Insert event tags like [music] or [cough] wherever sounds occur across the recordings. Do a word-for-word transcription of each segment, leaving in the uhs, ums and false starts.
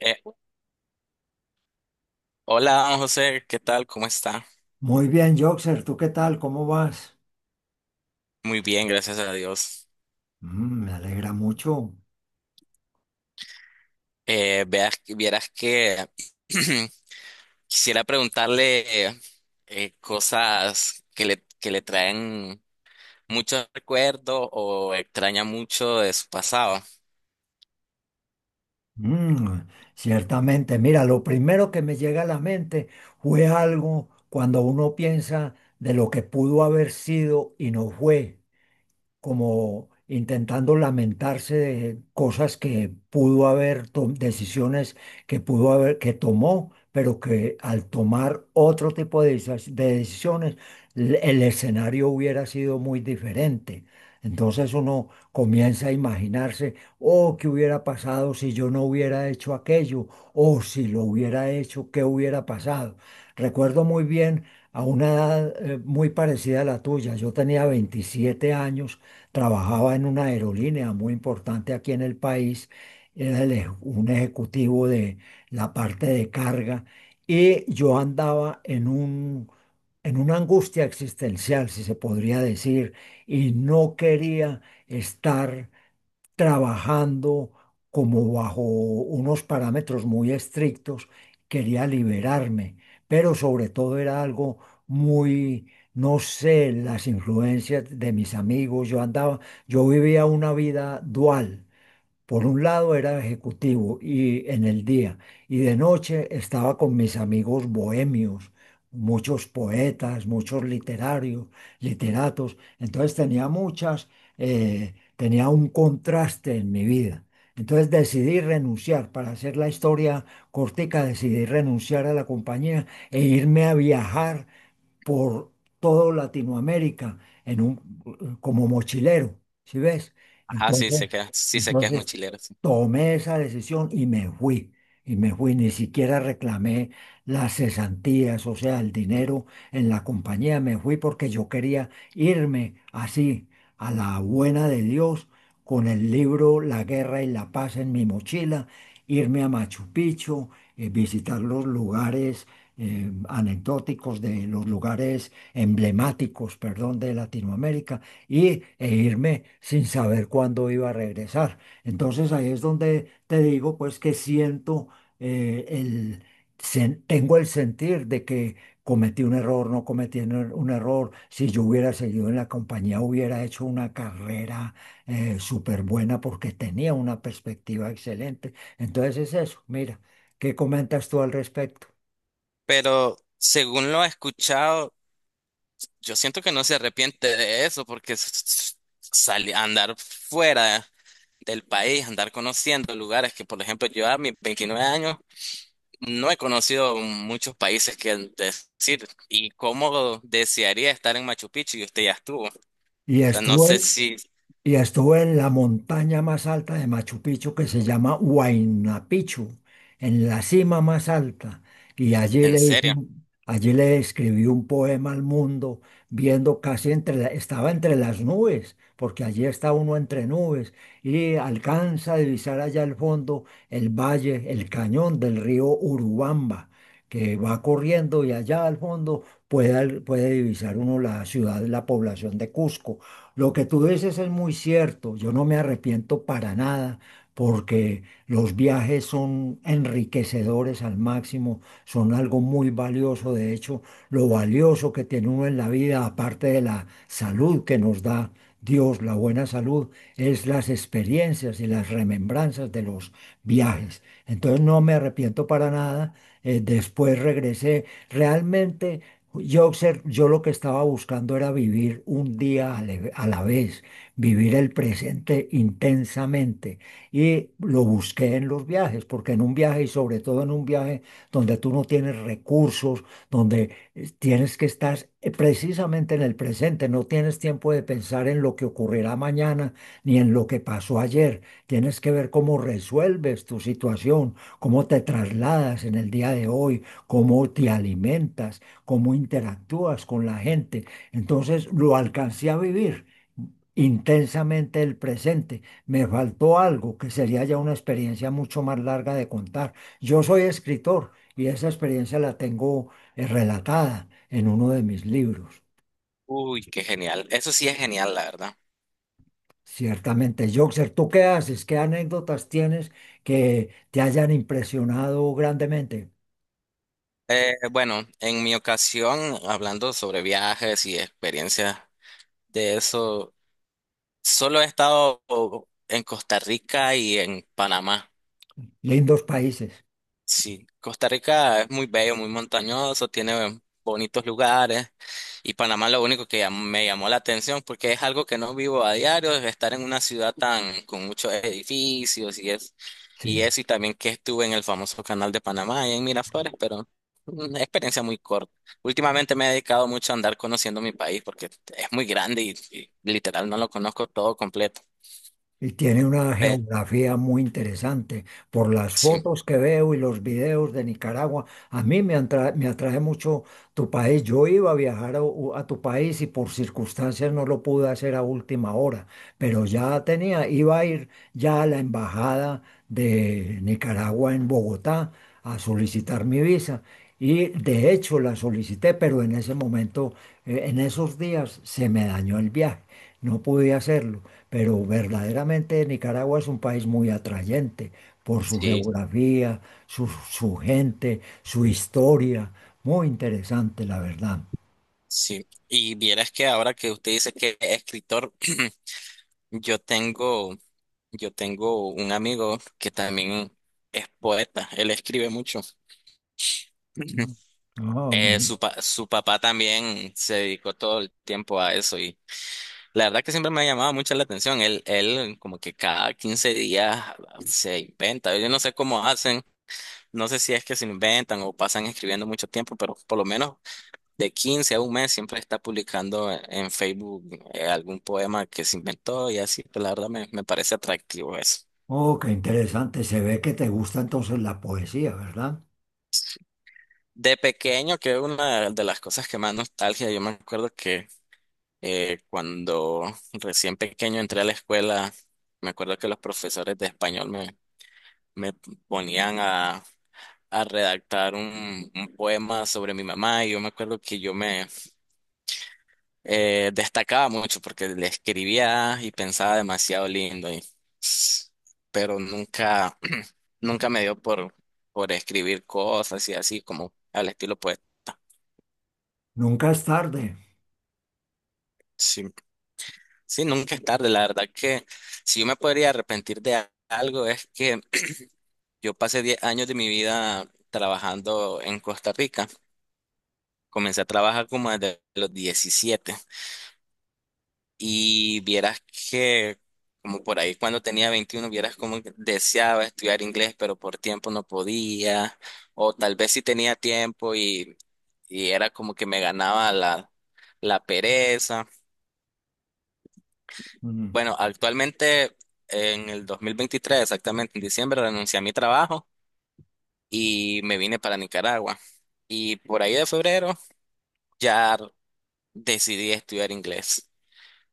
Eh, Hola José, ¿qué tal? ¿Cómo está? Muy bien, Joxer, ¿tú qué tal? ¿Cómo vas? Muy bien, gracias a Dios. Mm, me alegra mucho. Eh, veas, vieras que [clears throat] quisiera preguntarle eh, eh, cosas que le, que le traen muchos recuerdos o extraña mucho de su pasado. Mm, ciertamente, mira, lo primero que me llega a la mente fue algo cuando uno piensa de lo que pudo haber sido y no fue, como intentando lamentarse de cosas que pudo haber, to- decisiones que pudo haber, que tomó, pero que al tomar otro tipo de, desa- de decisiones, l- el escenario hubiera sido muy diferente. Entonces uno comienza a imaginarse, oh, ¿qué hubiera pasado si yo no hubiera hecho aquello? O si lo hubiera hecho, ¿qué hubiera pasado? Recuerdo muy bien a una edad eh, muy parecida a la tuya. Yo tenía veintisiete años, trabajaba en una aerolínea muy importante aquí en el país, era el eje- un ejecutivo de la parte de carga y yo andaba en un, en una angustia existencial, si se podría decir, y no quería estar trabajando como bajo unos parámetros muy estrictos, quería liberarme, pero sobre todo era algo muy, no sé, las influencias de mis amigos, yo andaba, yo vivía una vida dual, por un lado era ejecutivo y en el día, y de noche estaba con mis amigos bohemios, muchos poetas, muchos literarios, literatos. Entonces tenía muchas, eh, tenía un contraste en mi vida. Entonces decidí renunciar, para hacer la historia cortica, decidí renunciar a la compañía e irme a viajar por todo Latinoamérica en un, como mochilero, ¿sí ves? Ajá, sí sé Entonces, que, sí sé que es entonces mochilero, sí. tomé esa decisión y me fui, y me fui, ni siquiera reclamé las cesantías, o sea, el dinero en la compañía, me fui porque yo quería irme así, a la buena de Dios, con el libro La Guerra y la Paz en mi mochila, irme a Machu Picchu, eh, visitar los lugares eh, anecdóticos de los lugares emblemáticos, perdón, de Latinoamérica y, e irme sin saber cuándo iba a regresar. Entonces ahí es donde te digo, pues que siento eh, el... sen- tengo el sentir de que cometí un error, no cometí un er- un error. Si yo hubiera seguido en la compañía, hubiera hecho una carrera eh, súper buena porque tenía una perspectiva excelente. Entonces es eso. Mira, ¿qué comentas tú al respecto? Pero según lo he escuchado, yo siento que no se arrepiente de eso porque s- s- sali- andar fuera del país, andar conociendo lugares que, por ejemplo, yo a mis 29 años no he conocido muchos países que decir. ¿Y cómo desearía estar en Machu Picchu? Y usted ya estuvo. O Y sea, no estuvo sé en, si, y estuvo en la montaña más alta de Machu Picchu que se llama Huayna Picchu, en la cima más alta. Y allí en le hice serio. un- allí le escribí un poema al mundo, viendo casi entre, la- estaba entre las nubes, porque allí está uno entre nubes, y alcanza a divisar allá al fondo el valle, el cañón del río Urubamba, que va corriendo, y allá al fondo puede, al- puede divisar uno la ciudad, la población de Cusco. Lo que tú dices es muy cierto, yo no me arrepiento para nada, porque los viajes son enriquecedores al máximo, son algo muy valioso. De hecho, lo valioso que tiene uno en la vida, aparte de la salud que nos da Dios, la buena salud, es las experiencias y las remembranzas de los viajes. Entonces no me arrepiento para nada. Eh, después regresé. Realmente yo, obser- yo lo que estaba buscando era vivir un día a la a la vez, vivir el presente intensamente. Y lo busqué en los viajes, porque en un viaje y sobre todo en un viaje donde tú no tienes recursos, donde eh, tienes que estar eh, precisamente en el presente, no tienes tiempo de pensar en lo que ocurrirá mañana ni en lo que pasó ayer. Tienes que ver cómo resuelves tu situación, cómo te trasladas en el día de hoy, cómo te alimentas, cómo interactúas con la gente. Entonces lo alcancé a vivir intensamente el presente. Me faltó algo que sería ya una experiencia mucho más larga de contar. Yo soy escritor y esa experiencia la tengo eh, relatada en uno de mis libros. Uy, qué genial. Eso sí es genial, la verdad. Ciertamente, Joxer, ¿tú qué haces? ¿Qué anécdotas tienes que te hayan impresionado grandemente? Eh, bueno, en mi ocasión, hablando sobre viajes y experiencias de eso, solo he estado en Costa Rica y en Panamá. Lindos países. Sí, Costa Rica es muy bello, muy montañoso, tiene bonitos lugares y Panamá lo único que llam- me llamó la atención porque es algo que no vivo a diario, es estar en una ciudad tan con muchos edificios y es y Sí. eso y también que estuve en el famoso canal de Panamá allá en Miraflores, pero una experiencia muy corta. Últimamente me he dedicado mucho a andar conociendo mi país porque es muy grande y, y literal no lo conozco todo completo. Y tiene una Pe- geografía muy interesante. Por las Sí, fotos que veo y los videos de Nicaragua, a mí me atra- me atrae mucho tu país. Yo iba a viajar a, u- a tu país, y por circunstancias no lo pude hacer a última hora, pero ya tenía, iba a ir ya a la embajada de Nicaragua en Bogotá a solicitar mi visa. Y de hecho la solicité, pero en ese momento, eh, en esos días, se me dañó el viaje. No pude hacerlo, pero verdaderamente Nicaragua es un país muy atrayente por su sí. geografía, su, su gente, su historia. Muy interesante, la verdad. Sí, y vieras que ahora que usted dice que es escritor, [clears throat] yo tengo, yo tengo un amigo que también es poeta, él escribe mucho. [clears throat] Mm. Ah, Eh, muy- su, pa- Su papá también se dedicó todo el tiempo a eso y la verdad que siempre me ha llamado mucho la atención. Él, él como que cada quince días se inventa. Yo no sé cómo hacen, no sé si es que se inventan o pasan escribiendo mucho tiempo, pero por lo menos de quince a un mes siempre está publicando en Facebook eh, algún poema que se inventó y así, pues, la verdad me, me parece atractivo eso. oh, qué interesante. Se ve que te gusta entonces la poesía, ¿verdad? De pequeño, que una de las cosas que más nostalgia, yo me acuerdo que eh, cuando recién pequeño entré a la escuela, me acuerdo que los profesores de español me, me ponían a, a redactar un, un poema sobre mi mamá y yo me acuerdo que yo me eh, destacaba mucho porque le escribía y pensaba demasiado lindo, y, pero nunca, [clears throat] nunca me dio por, por escribir cosas y así como al estilo poeta. Nunca es tarde. Sí, sí, nunca es tarde. La verdad que si yo me podría arrepentir de a- algo es que [clears throat] yo pasé diez años de mi vida trabajando en Costa Rica. Comencé a trabajar como desde los diecisiete. Y vieras que, como por ahí cuando tenía veintiuno, vieras como que deseaba estudiar inglés, pero por tiempo no podía, o tal vez sí tenía tiempo y, y era como que me ganaba la, la pereza. Mm, Bueno, actualmente en el dos mil veintitrés, exactamente en diciembre, renuncié a mi trabajo y me vine para Nicaragua. Y por ahí de febrero ya decidí estudiar inglés.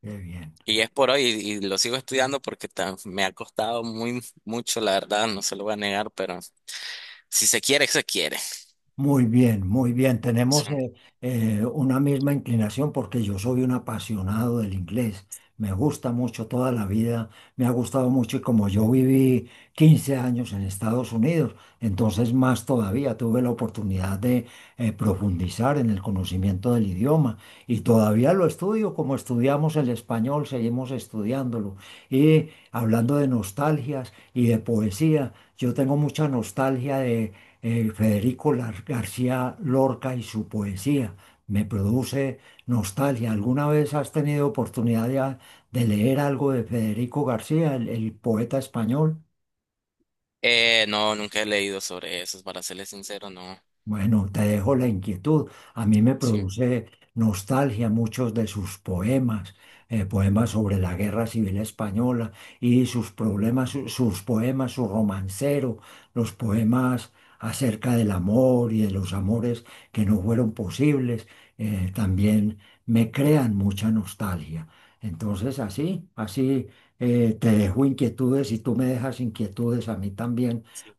qué bien. Y es por hoy y, y lo sigo estudiando porque ta- me ha costado muy mucho, la verdad, no se lo voy a negar, pero si se quiere, se quiere. Muy bien, muy bien. Tenemos Sí. eh, eh, una misma inclinación porque yo soy un apasionado del inglés. Me gusta mucho toda la vida, me ha gustado mucho, y como yo viví quince años en Estados Unidos, entonces más todavía tuve la oportunidad de eh, profundizar en el conocimiento del idioma, y todavía lo estudio como estudiamos el español, seguimos estudiándolo. Y hablando de nostalgias y de poesía, yo tengo mucha nostalgia de eh, Federico García Lorca y su poesía. Me produce nostalgia. ¿Alguna vez has tenido oportunidad de, de leer algo de Federico García, el el poeta español? Eh, no, nunca he leído sobre eso, para serles sincero, no. Bueno, te dejo la inquietud. A mí me Sí. produce nostalgia muchos de sus poemas, eh, poemas sobre la Guerra Civil Española y sus problemas, su- sus poemas, su romancero, los poemas acerca del amor y de los amores que no fueron posibles, eh, también me crean mucha nostalgia. Entonces, así, así eh, te dejo inquietudes, y tú me dejas inquietudes a mí también, Sí.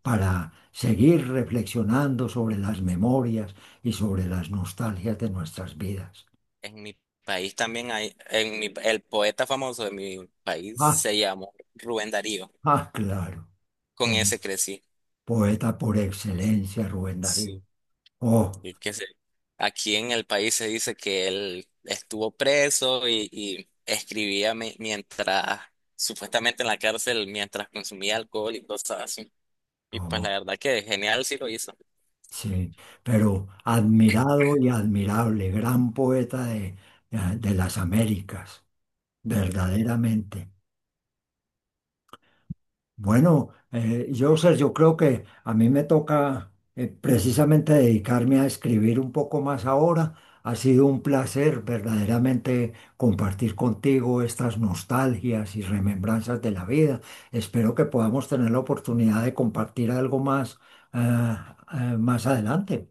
seguir reflexionando sobre las memorias y sobre las nostalgias de nuestras vidas. En mi país también hay, en mi, el poeta famoso de mi país Ah, se llamó Rubén Darío. ah, claro, Con po- ese crecí. poeta por excelencia, Rubén Darío. Sí. Oh, Y que se, aquí en el país se dice que él estuvo preso y, y escribía mi- mientras, supuestamente en la cárcel, mientras consumía alcohol y cosas así. Y pues la oh, verdad que genial sí lo hizo. sí, pero admirado y admirable, gran poeta de, de las Américas, Mm. verdaderamente. Bueno, eh, yo, sé, yo creo que a mí me toca eh, precisamente dedicarme a escribir un poco más ahora. Ha sido un placer verdaderamente compartir contigo estas nostalgias y remembranzas de la vida. Espero que podamos tener la oportunidad de compartir algo más, ah, ah, más adelante.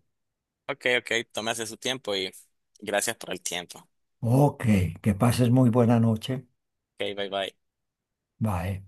Ok, ok, tómese su tiempo y gracias por el tiempo. Ok, que pases muy buena noche. Ok, bye bye. Bye.